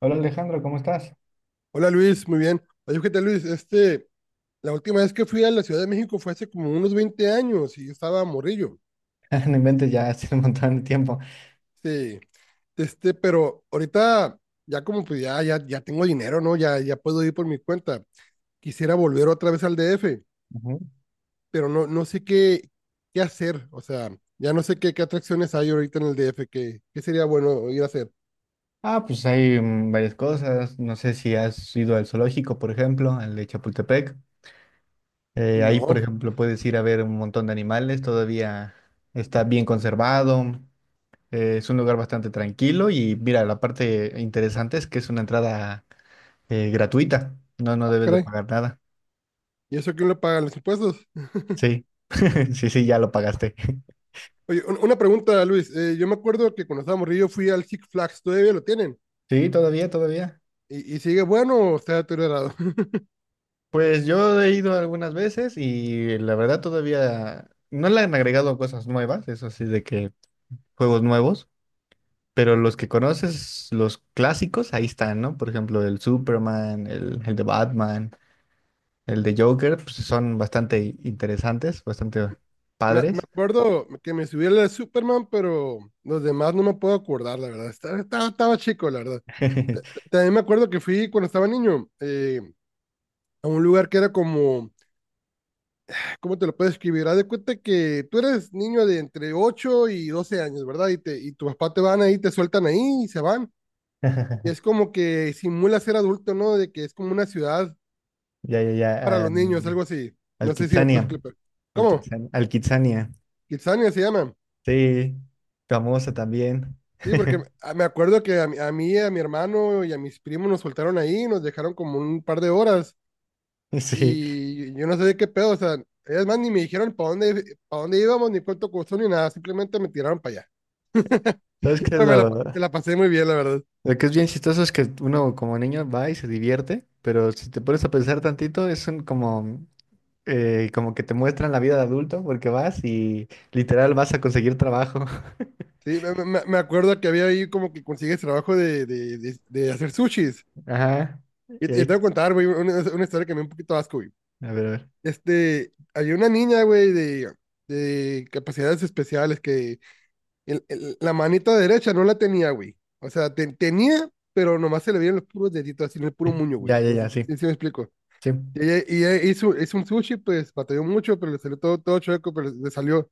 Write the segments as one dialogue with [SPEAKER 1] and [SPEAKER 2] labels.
[SPEAKER 1] Hola Alejandro, ¿cómo estás?
[SPEAKER 2] Hola Luis, muy bien. Oye, ¿qué tal Luis? La última vez que fui a la Ciudad de México fue hace como unos 20 años y yo estaba morrillo.
[SPEAKER 1] No inventes, ya hace un montón de tiempo.
[SPEAKER 2] Sí, pero ahorita ya como pues ya tengo dinero, ¿no? Ya puedo ir por mi cuenta. Quisiera volver otra vez al DF,
[SPEAKER 1] Ujú.
[SPEAKER 2] pero no sé qué hacer. O sea, ya no sé qué atracciones hay ahorita en el DF, qué sería bueno ir a hacer.
[SPEAKER 1] Ah, pues hay varias cosas. No sé si has ido al zoológico, por ejemplo, al de Chapultepec. Ahí, por
[SPEAKER 2] No,
[SPEAKER 1] ejemplo, puedes ir a ver un montón de animales. Todavía está bien conservado. Es un lugar bastante tranquilo. Y mira, la parte interesante es que es una entrada gratuita. No, no debes de
[SPEAKER 2] caray.
[SPEAKER 1] pagar nada.
[SPEAKER 2] ¿Y eso quién lo paga? ¿Los impuestos?
[SPEAKER 1] Sí, sí, sí, ya lo pagaste.
[SPEAKER 2] Oye, una pregunta, Luis. Yo me acuerdo que cuando estaba morrillo fui al Six Flags, ¿todavía lo tienen?
[SPEAKER 1] Sí, todavía, todavía.
[SPEAKER 2] Y sigue bueno o está deteriorado.
[SPEAKER 1] Pues yo he ido algunas veces y la verdad todavía no le han agregado cosas nuevas, eso así de que juegos nuevos, pero los que conoces, los clásicos, ahí están, ¿no? Por ejemplo, el Superman, el de Batman, el de Joker, pues son bastante interesantes, bastante
[SPEAKER 2] Me
[SPEAKER 1] padres.
[SPEAKER 2] acuerdo que me subí al de Superman, pero los demás no me puedo acordar, la verdad. Estaba chico, la verdad. También me acuerdo que fui cuando estaba niño. A un lugar que era ¿cómo te lo puedes escribir? Haz de cuenta que tú eres niño de entre 8 y 12 años, ¿verdad? Y tu papá te van ahí, te sueltan ahí y se van. Y es como que simula ser adulto, ¿no? De que es como una ciudad
[SPEAKER 1] Ya, ya,
[SPEAKER 2] para
[SPEAKER 1] ya.
[SPEAKER 2] los niños, algo así.
[SPEAKER 1] Al
[SPEAKER 2] No sé si me puedes
[SPEAKER 1] Kitsania.
[SPEAKER 2] clipar. ¿Cómo?
[SPEAKER 1] Al Kitsania.
[SPEAKER 2] Kitsania se llama.
[SPEAKER 1] Sí, famosa también.
[SPEAKER 2] Sí, porque me acuerdo que a mí, a mi hermano y a mis primos nos soltaron ahí, nos dejaron como un par de horas
[SPEAKER 1] Sí.
[SPEAKER 2] y yo no sé de qué pedo, o sea, ellas más ni me dijeron para para dónde íbamos, ni cuánto costó, ni nada, simplemente me tiraron para allá.
[SPEAKER 1] ¿Sabes qué es
[SPEAKER 2] Pero
[SPEAKER 1] lo...?
[SPEAKER 2] me la pasé muy bien, la verdad.
[SPEAKER 1] Lo que es bien chistoso es que uno como niño va y se divierte, pero si te pones a pensar tantito, es un como, como que te muestran la vida de adulto, porque vas y literal vas a conseguir trabajo.
[SPEAKER 2] Sí, me acuerdo que había ahí como que consigues trabajo de hacer sushis.
[SPEAKER 1] Ajá.
[SPEAKER 2] Y
[SPEAKER 1] Y
[SPEAKER 2] te
[SPEAKER 1] ahí,
[SPEAKER 2] voy a contar, güey, una historia que me dio un poquito de asco, güey.
[SPEAKER 1] a ver, a ver.
[SPEAKER 2] Había una niña, güey, de capacidades especiales que la manita derecha no la tenía, güey. O sea, tenía, pero nomás se le veían los puros deditos, así en el puro muño,
[SPEAKER 1] Ya,
[SPEAKER 2] güey.
[SPEAKER 1] ya,
[SPEAKER 2] No sé
[SPEAKER 1] ya, sí,
[SPEAKER 2] si me explico.
[SPEAKER 1] sí.
[SPEAKER 2] Y ella hizo un sushi, pues batalló mucho, pero le salió todo chueco, pero le salió.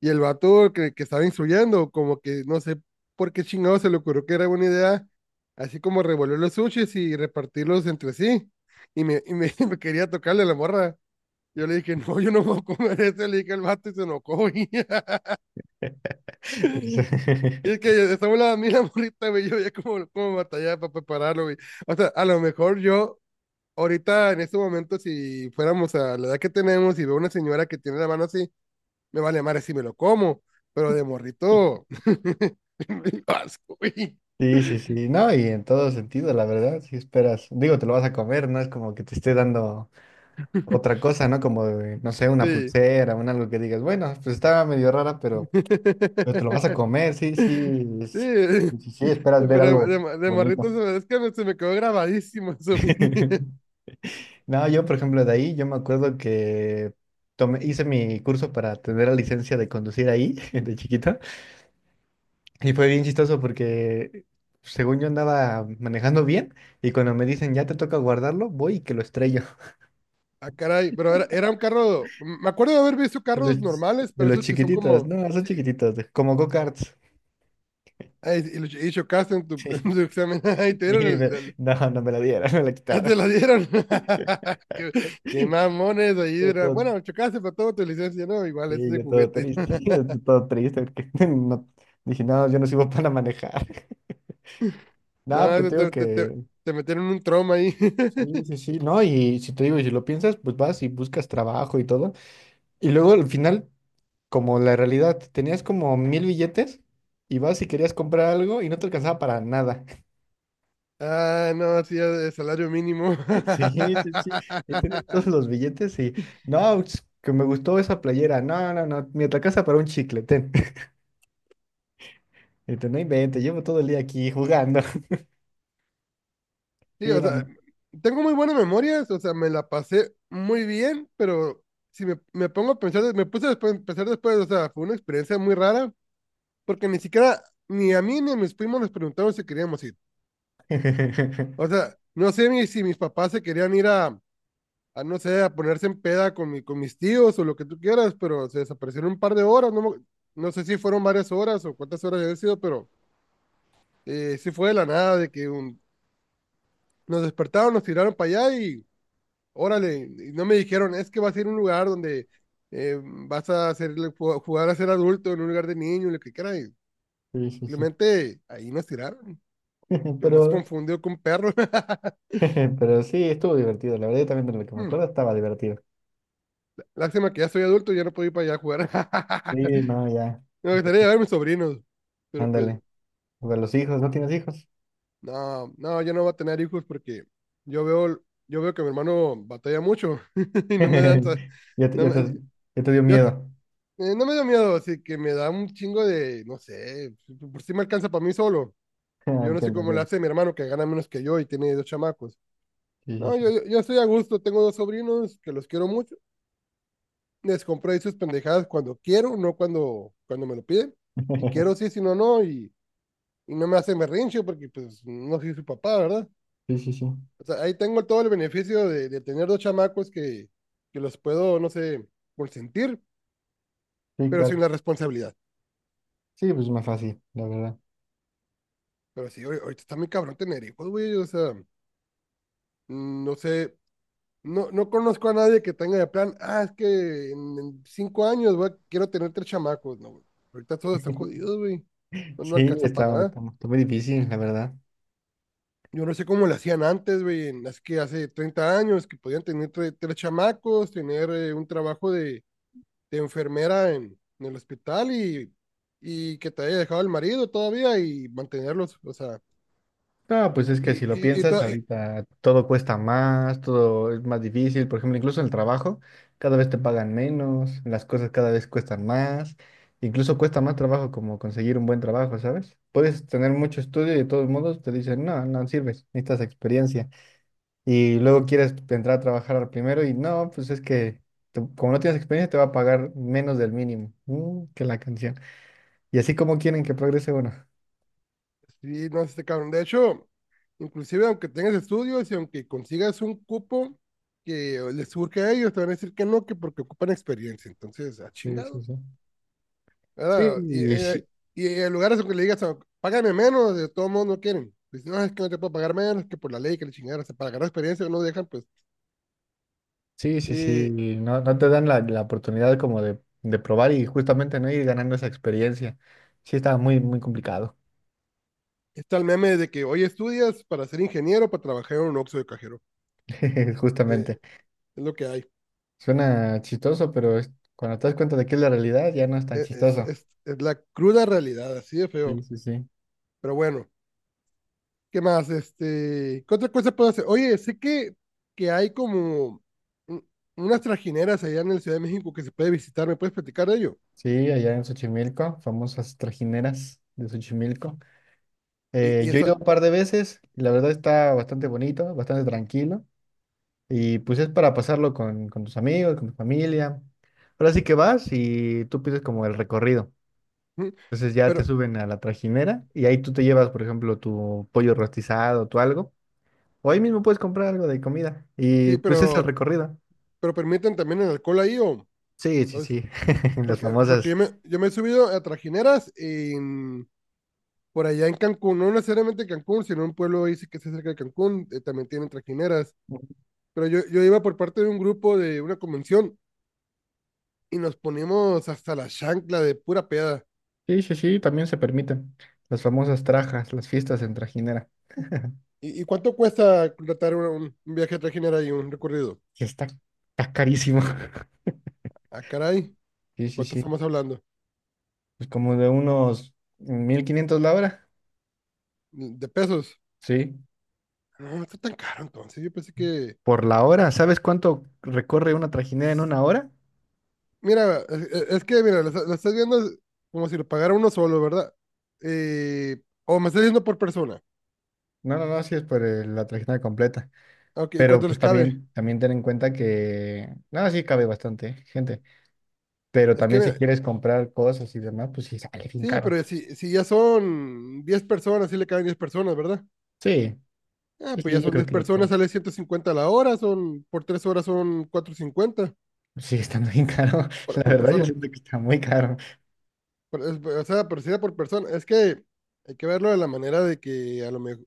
[SPEAKER 2] Y el vato que estaba instruyendo, como que no sé por qué chingado se le ocurrió que era buena idea, así como revolver los sushis y repartirlos entre sí. Me quería tocarle a la morra. Yo le dije, no, yo no voy a comer eso. Le dije al vato y se enojó, güey.
[SPEAKER 1] Pues,
[SPEAKER 2] Y es que esa bola a mí la morrita, güey, yo ya como batallaba para prepararlo, güey. O sea, a lo mejor ahorita en este momento, si fuéramos a la edad que tenemos y veo una señora que tiene la mano así, me vale madre si me lo como, pero de morrito, me dio asco, güey.
[SPEAKER 1] sí, sí, sí. No, y en todo sentido, la verdad, si esperas, digo, te lo vas a comer, no es como que te esté dando otra cosa, ¿no? Como, no sé, una
[SPEAKER 2] Sí.
[SPEAKER 1] pulsera, un algo que digas, bueno, pues estaba medio rara, pero... Pero te lo vas a comer, sí, sí,
[SPEAKER 2] Sí.
[SPEAKER 1] sí, sí, esperas ver
[SPEAKER 2] Pero
[SPEAKER 1] algo
[SPEAKER 2] de morrito
[SPEAKER 1] bonito.
[SPEAKER 2] es que se me quedó grabadísimo eso. Güey.
[SPEAKER 1] No, yo, por ejemplo, de ahí, yo me acuerdo que tomé, hice mi curso para tener la licencia de conducir ahí, de chiquito, y fue bien chistoso porque, según yo andaba manejando bien, y cuando me dicen, ya te toca guardarlo, voy y que lo estrello.
[SPEAKER 2] Ah, caray, pero era un carro, me acuerdo de haber visto
[SPEAKER 1] De
[SPEAKER 2] carros
[SPEAKER 1] los,
[SPEAKER 2] normales,
[SPEAKER 1] de
[SPEAKER 2] pero
[SPEAKER 1] los
[SPEAKER 2] esos que son
[SPEAKER 1] chiquititos,
[SPEAKER 2] como,
[SPEAKER 1] no, son
[SPEAKER 2] sí.
[SPEAKER 1] chiquititos, como go-karts.
[SPEAKER 2] Ay, y chocaste en tu, en tu examen. Ay, te
[SPEAKER 1] Sí,
[SPEAKER 2] dieron
[SPEAKER 1] no, no me la dieron, me la
[SPEAKER 2] ah,
[SPEAKER 1] quitaron.
[SPEAKER 2] te la dieron. Qué, qué mamones ahí era. Bueno, chocaste para todo tu licencia, ¿no? Igual, ese es
[SPEAKER 1] Sí,
[SPEAKER 2] de
[SPEAKER 1] yo todo
[SPEAKER 2] juguete.
[SPEAKER 1] triste, todo triste, porque no, dije, no, yo no sirvo para manejar. Nada,
[SPEAKER 2] No,
[SPEAKER 1] pero te
[SPEAKER 2] eso
[SPEAKER 1] digo que,
[SPEAKER 2] te metieron un trauma ahí.
[SPEAKER 1] sí, sí, sí, no, y si te digo, y si lo piensas, pues vas y buscas trabajo y todo. Y luego al final, como la realidad, tenías como mil billetes y vas y querías comprar algo y no te alcanzaba para nada.
[SPEAKER 2] Ah, no, hacía de salario mínimo.
[SPEAKER 1] Sí, sí, sí, y tenías todos los billetes y, no, es que me gustó esa playera, no, no, no, me alcanza para un chicle, ten. Y te no inventes, llevo todo el día aquí jugando. Sí,
[SPEAKER 2] Sí, o sea, tengo muy buenas memorias, o sea, me la pasé muy bien, pero si me pongo a pensar, me puse después, a pensar después, o sea, fue una experiencia muy rara porque ni siquiera ni a mí ni a mis primos les preguntaron si queríamos ir. O sea, no sé ni si mis papás se querían ir no sé, a ponerse en peda con mis tíos o lo que tú quieras, pero se desaparecieron un par de horas, no, no sé si fueron varias horas o cuántas horas había sido, pero sí fue de la nada, de que nos despertaron, nos tiraron para allá y órale, y no me dijeron, es que vas a ir a un lugar donde vas a hacer, jugar a ser adulto en un lugar de niño, lo que quieras,
[SPEAKER 1] sí, sí, sí.
[SPEAKER 2] simplemente ahí nos tiraron. Yo más
[SPEAKER 1] Pero,
[SPEAKER 2] confundido con perro.
[SPEAKER 1] pero sí, estuvo divertido. La verdad, yo también de lo que me
[SPEAKER 2] Hmm,
[SPEAKER 1] acuerdo estaba divertido.
[SPEAKER 2] lástima que ya soy adulto y ya no puedo ir para allá a jugar.
[SPEAKER 1] Sí, no, ya.
[SPEAKER 2] Me gustaría llevar a mis sobrinos, pero pues
[SPEAKER 1] Ándale. Para los hijos, ¿no tienes hijos?
[SPEAKER 2] no, no, yo no voy a tener hijos porque yo veo, yo veo que mi hermano batalla mucho y no me dan,
[SPEAKER 1] Ya te,
[SPEAKER 2] no
[SPEAKER 1] ya
[SPEAKER 2] me,
[SPEAKER 1] te, ya te dio
[SPEAKER 2] yo,
[SPEAKER 1] miedo.
[SPEAKER 2] no me da miedo, así que me da un chingo de, no sé, por si me alcanza para mí solo.
[SPEAKER 1] Ah,
[SPEAKER 2] Yo no sé
[SPEAKER 1] entiendo,
[SPEAKER 2] cómo le
[SPEAKER 1] entiendo.
[SPEAKER 2] hace mi hermano que gana menos que yo y tiene dos chamacos.
[SPEAKER 1] Sí, sí,
[SPEAKER 2] No,
[SPEAKER 1] sí.
[SPEAKER 2] yo estoy a gusto, tengo dos sobrinos que los quiero mucho. Les compro ahí sus pendejadas cuando quiero, no cuando me lo piden. Si quiero, sí, si no, no. Y no me hace berrinche porque, pues, no soy su papá, ¿verdad?
[SPEAKER 1] Sí, sí, sí.
[SPEAKER 2] O sea, ahí tengo todo el beneficio de tener dos chamacos que los puedo, no sé, consentir,
[SPEAKER 1] Sí,
[SPEAKER 2] pero sin
[SPEAKER 1] claro.
[SPEAKER 2] la responsabilidad.
[SPEAKER 1] Sí, pues más fácil, la verdad.
[SPEAKER 2] Pero sí, ahorita está muy cabrón tener hijos, güey. O sea, no sé, no, no conozco a nadie que tenga de plan, ah, es que en 5 años, güey, quiero tener 3 chamacos. No, güey. Ahorita todos están jodidos, güey. No, no
[SPEAKER 1] Sí,
[SPEAKER 2] alcanza para
[SPEAKER 1] está,
[SPEAKER 2] nada.
[SPEAKER 1] está muy difícil, la verdad.
[SPEAKER 2] Yo no sé cómo lo hacían antes, güey, en las que hace 30 años, que podían tener tres chamacos, tener un trabajo de enfermera en el hospital y que te haya dejado el marido todavía y mantenerlos, o sea,
[SPEAKER 1] No, pues es que
[SPEAKER 2] y,
[SPEAKER 1] si lo
[SPEAKER 2] y, y,
[SPEAKER 1] piensas,
[SPEAKER 2] to- y-
[SPEAKER 1] ahorita todo cuesta más, todo es más difícil. Por ejemplo, incluso en el trabajo, cada vez te pagan menos, las cosas cada vez cuestan más. Incluso cuesta más trabajo como conseguir un buen trabajo, ¿sabes? Puedes tener mucho estudio y de todos modos te dicen, no, no sirves, necesitas experiencia. Y luego quieres entrar a trabajar primero y no, pues es que como no tienes experiencia te va a pagar menos del mínimo. Mm, que la canción. Y así como quieren que progrese uno.
[SPEAKER 2] sí, no sé, cabrón. De hecho, inclusive aunque tengas estudios y aunque consigas un cupo que les surge a ellos, te van a decir que no, que porque ocupan experiencia. Entonces, a
[SPEAKER 1] Sí, sí,
[SPEAKER 2] chingado,
[SPEAKER 1] sí.
[SPEAKER 2] ¿verdad?
[SPEAKER 1] Sí,
[SPEAKER 2] Y en lugares en que le digas, "Oh, págame menos", de todos modos no quieren. Dicen, no, es que no te puedo pagar menos, que por la ley, que le chingaron, o sea, para ganar experiencia no dejan, pues.
[SPEAKER 1] sí, sí, sí,
[SPEAKER 2] Eh,
[SPEAKER 1] no, no te dan la, la oportunidad como de probar y justamente no ir ganando esa experiencia. Sí, estaba muy, muy complicado,
[SPEAKER 2] está el meme de que hoy estudias para ser ingeniero, para trabajar en un oxxo de cajero.
[SPEAKER 1] justamente.
[SPEAKER 2] Eh, es lo que hay.
[SPEAKER 1] Suena chistoso, pero cuando te das cuenta de que es la realidad, ya no es tan chistoso.
[SPEAKER 2] Es la cruda realidad, así de
[SPEAKER 1] Sí,
[SPEAKER 2] feo.
[SPEAKER 1] sí, sí.
[SPEAKER 2] Pero bueno, ¿qué más? ¿Qué otra cosa puedo hacer? Oye, sé que hay como un- unas trajineras allá en la Ciudad de México que se puede visitar, ¿me puedes platicar de ello?
[SPEAKER 1] Sí, allá en Xochimilco, famosas trajineras de Xochimilco.
[SPEAKER 2] Y, y
[SPEAKER 1] Yo he
[SPEAKER 2] esa,
[SPEAKER 1] ido un par de veces, y la verdad está bastante bonito, bastante tranquilo, y pues es para pasarlo con tus amigos, con tu familia. Ahora sí que vas y tú pides como el recorrido.
[SPEAKER 2] ¿Mm?
[SPEAKER 1] Entonces ya te
[SPEAKER 2] Pero
[SPEAKER 1] suben a la trajinera y ahí tú te llevas, por ejemplo, tu pollo rostizado, tu algo. O ahí mismo puedes comprar algo de comida. Y
[SPEAKER 2] sí,
[SPEAKER 1] pues es el recorrido.
[SPEAKER 2] pero permiten también el alcohol ahí o...
[SPEAKER 1] Sí, sí,
[SPEAKER 2] pues,
[SPEAKER 1] sí. Las
[SPEAKER 2] porque
[SPEAKER 1] famosas.
[SPEAKER 2] yo, yo me he subido a trajineras por allá en Cancún, no necesariamente Cancún, sino un pueblo ahí sí que está cerca de Cancún, también tienen trajineras. Pero yo iba por parte de un grupo de una convención y nos ponimos hasta la chancla de pura peda.
[SPEAKER 1] Sí, sí, sí, también se permiten. Las famosas trajas, las fiestas en trajinera.
[SPEAKER 2] Y cuánto cuesta contratar un viaje a trajinera y un recorrido?
[SPEAKER 1] Que está, está carísimo.
[SPEAKER 2] Ah, caray,
[SPEAKER 1] Sí, sí,
[SPEAKER 2] ¿cuánto
[SPEAKER 1] sí.
[SPEAKER 2] estamos hablando?
[SPEAKER 1] Pues como de unos 1500 la hora.
[SPEAKER 2] ¿De pesos?
[SPEAKER 1] Sí.
[SPEAKER 2] No, no está tan caro entonces. Yo pensé que...
[SPEAKER 1] Por la hora. ¿Sabes cuánto recorre una trajinera en una hora?
[SPEAKER 2] Mira, es que, mira, está- lo estás viendo como si lo pagara uno solo, ¿verdad? O me estás diciendo por persona.
[SPEAKER 1] No, no, no, sí es por la trajinera completa.
[SPEAKER 2] Ok, ¿y
[SPEAKER 1] Pero
[SPEAKER 2] cuánto les
[SPEAKER 1] pues
[SPEAKER 2] cabe?
[SPEAKER 1] también, también ten en cuenta que, nada, sí cabe bastante gente, pero
[SPEAKER 2] Es que,
[SPEAKER 1] también si
[SPEAKER 2] mira,
[SPEAKER 1] quieres comprar cosas y demás, pues sí sale bien
[SPEAKER 2] sí,
[SPEAKER 1] caro.
[SPEAKER 2] pero si ya son 10 personas, sí le caben 10 personas, ¿verdad?
[SPEAKER 1] Sí,
[SPEAKER 2] Ah,
[SPEAKER 1] sí,
[SPEAKER 2] pues ya
[SPEAKER 1] sí, yo
[SPEAKER 2] son
[SPEAKER 1] creo
[SPEAKER 2] 10
[SPEAKER 1] que
[SPEAKER 2] personas,
[SPEAKER 1] como,
[SPEAKER 2] sale 150 a la hora, son, por 3 horas son 450
[SPEAKER 1] sigue estando bien caro. La
[SPEAKER 2] por
[SPEAKER 1] verdad, yo
[SPEAKER 2] persona.
[SPEAKER 1] siento que está muy caro.
[SPEAKER 2] O sea, por, si era por persona. Es que hay que verlo de la manera de que a lo mejor...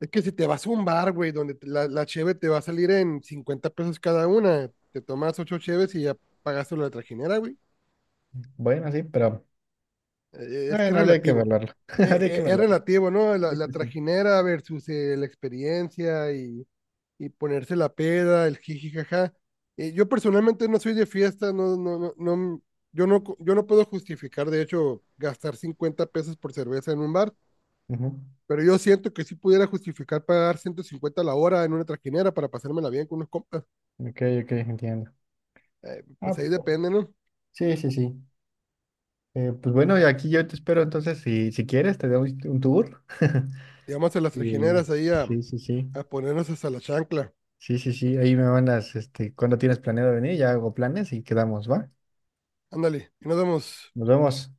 [SPEAKER 2] Es que si te vas a un bar, güey, donde la cheve te va a salir en 50 pesos cada una, te tomas 8 cheves y ya pagaste la trajinera, güey.
[SPEAKER 1] Bueno, sí, pero
[SPEAKER 2] Es que es
[SPEAKER 1] bueno, habría que
[SPEAKER 2] relativo.
[SPEAKER 1] evaluarlo. Habría que
[SPEAKER 2] Es
[SPEAKER 1] evaluarlo.
[SPEAKER 2] relativo, ¿no?
[SPEAKER 1] Sí,
[SPEAKER 2] La
[SPEAKER 1] sí, sí.
[SPEAKER 2] trajinera versus la experiencia y ponerse la peda, el jiji, jaja. Yo personalmente no soy de fiesta, no, yo no puedo justificar, de hecho, gastar 50 pesos por cerveza en un bar,
[SPEAKER 1] Ujú.
[SPEAKER 2] pero yo siento que sí pudiera justificar pagar 150 la hora en una trajinera para pasármela bien con unos compas.
[SPEAKER 1] Ok, ok, entiendo. Ah,
[SPEAKER 2] Pues
[SPEAKER 1] pues
[SPEAKER 2] ahí
[SPEAKER 1] bueno,
[SPEAKER 2] depende, ¿no?
[SPEAKER 1] sí, sí, sí. Pues bueno, y aquí yo te espero entonces, si, si quieres, te doy un tour.
[SPEAKER 2] Llegamos a las
[SPEAKER 1] Y
[SPEAKER 2] trajineras
[SPEAKER 1] sí, sí, sí.
[SPEAKER 2] a ponernos hasta la chancla.
[SPEAKER 1] Sí, sí, sí, ahí me mandas, este, cuando tienes planeado venir, ya hago planes y quedamos, ¿va?
[SPEAKER 2] Ándale, y nos vemos.
[SPEAKER 1] Nos vemos.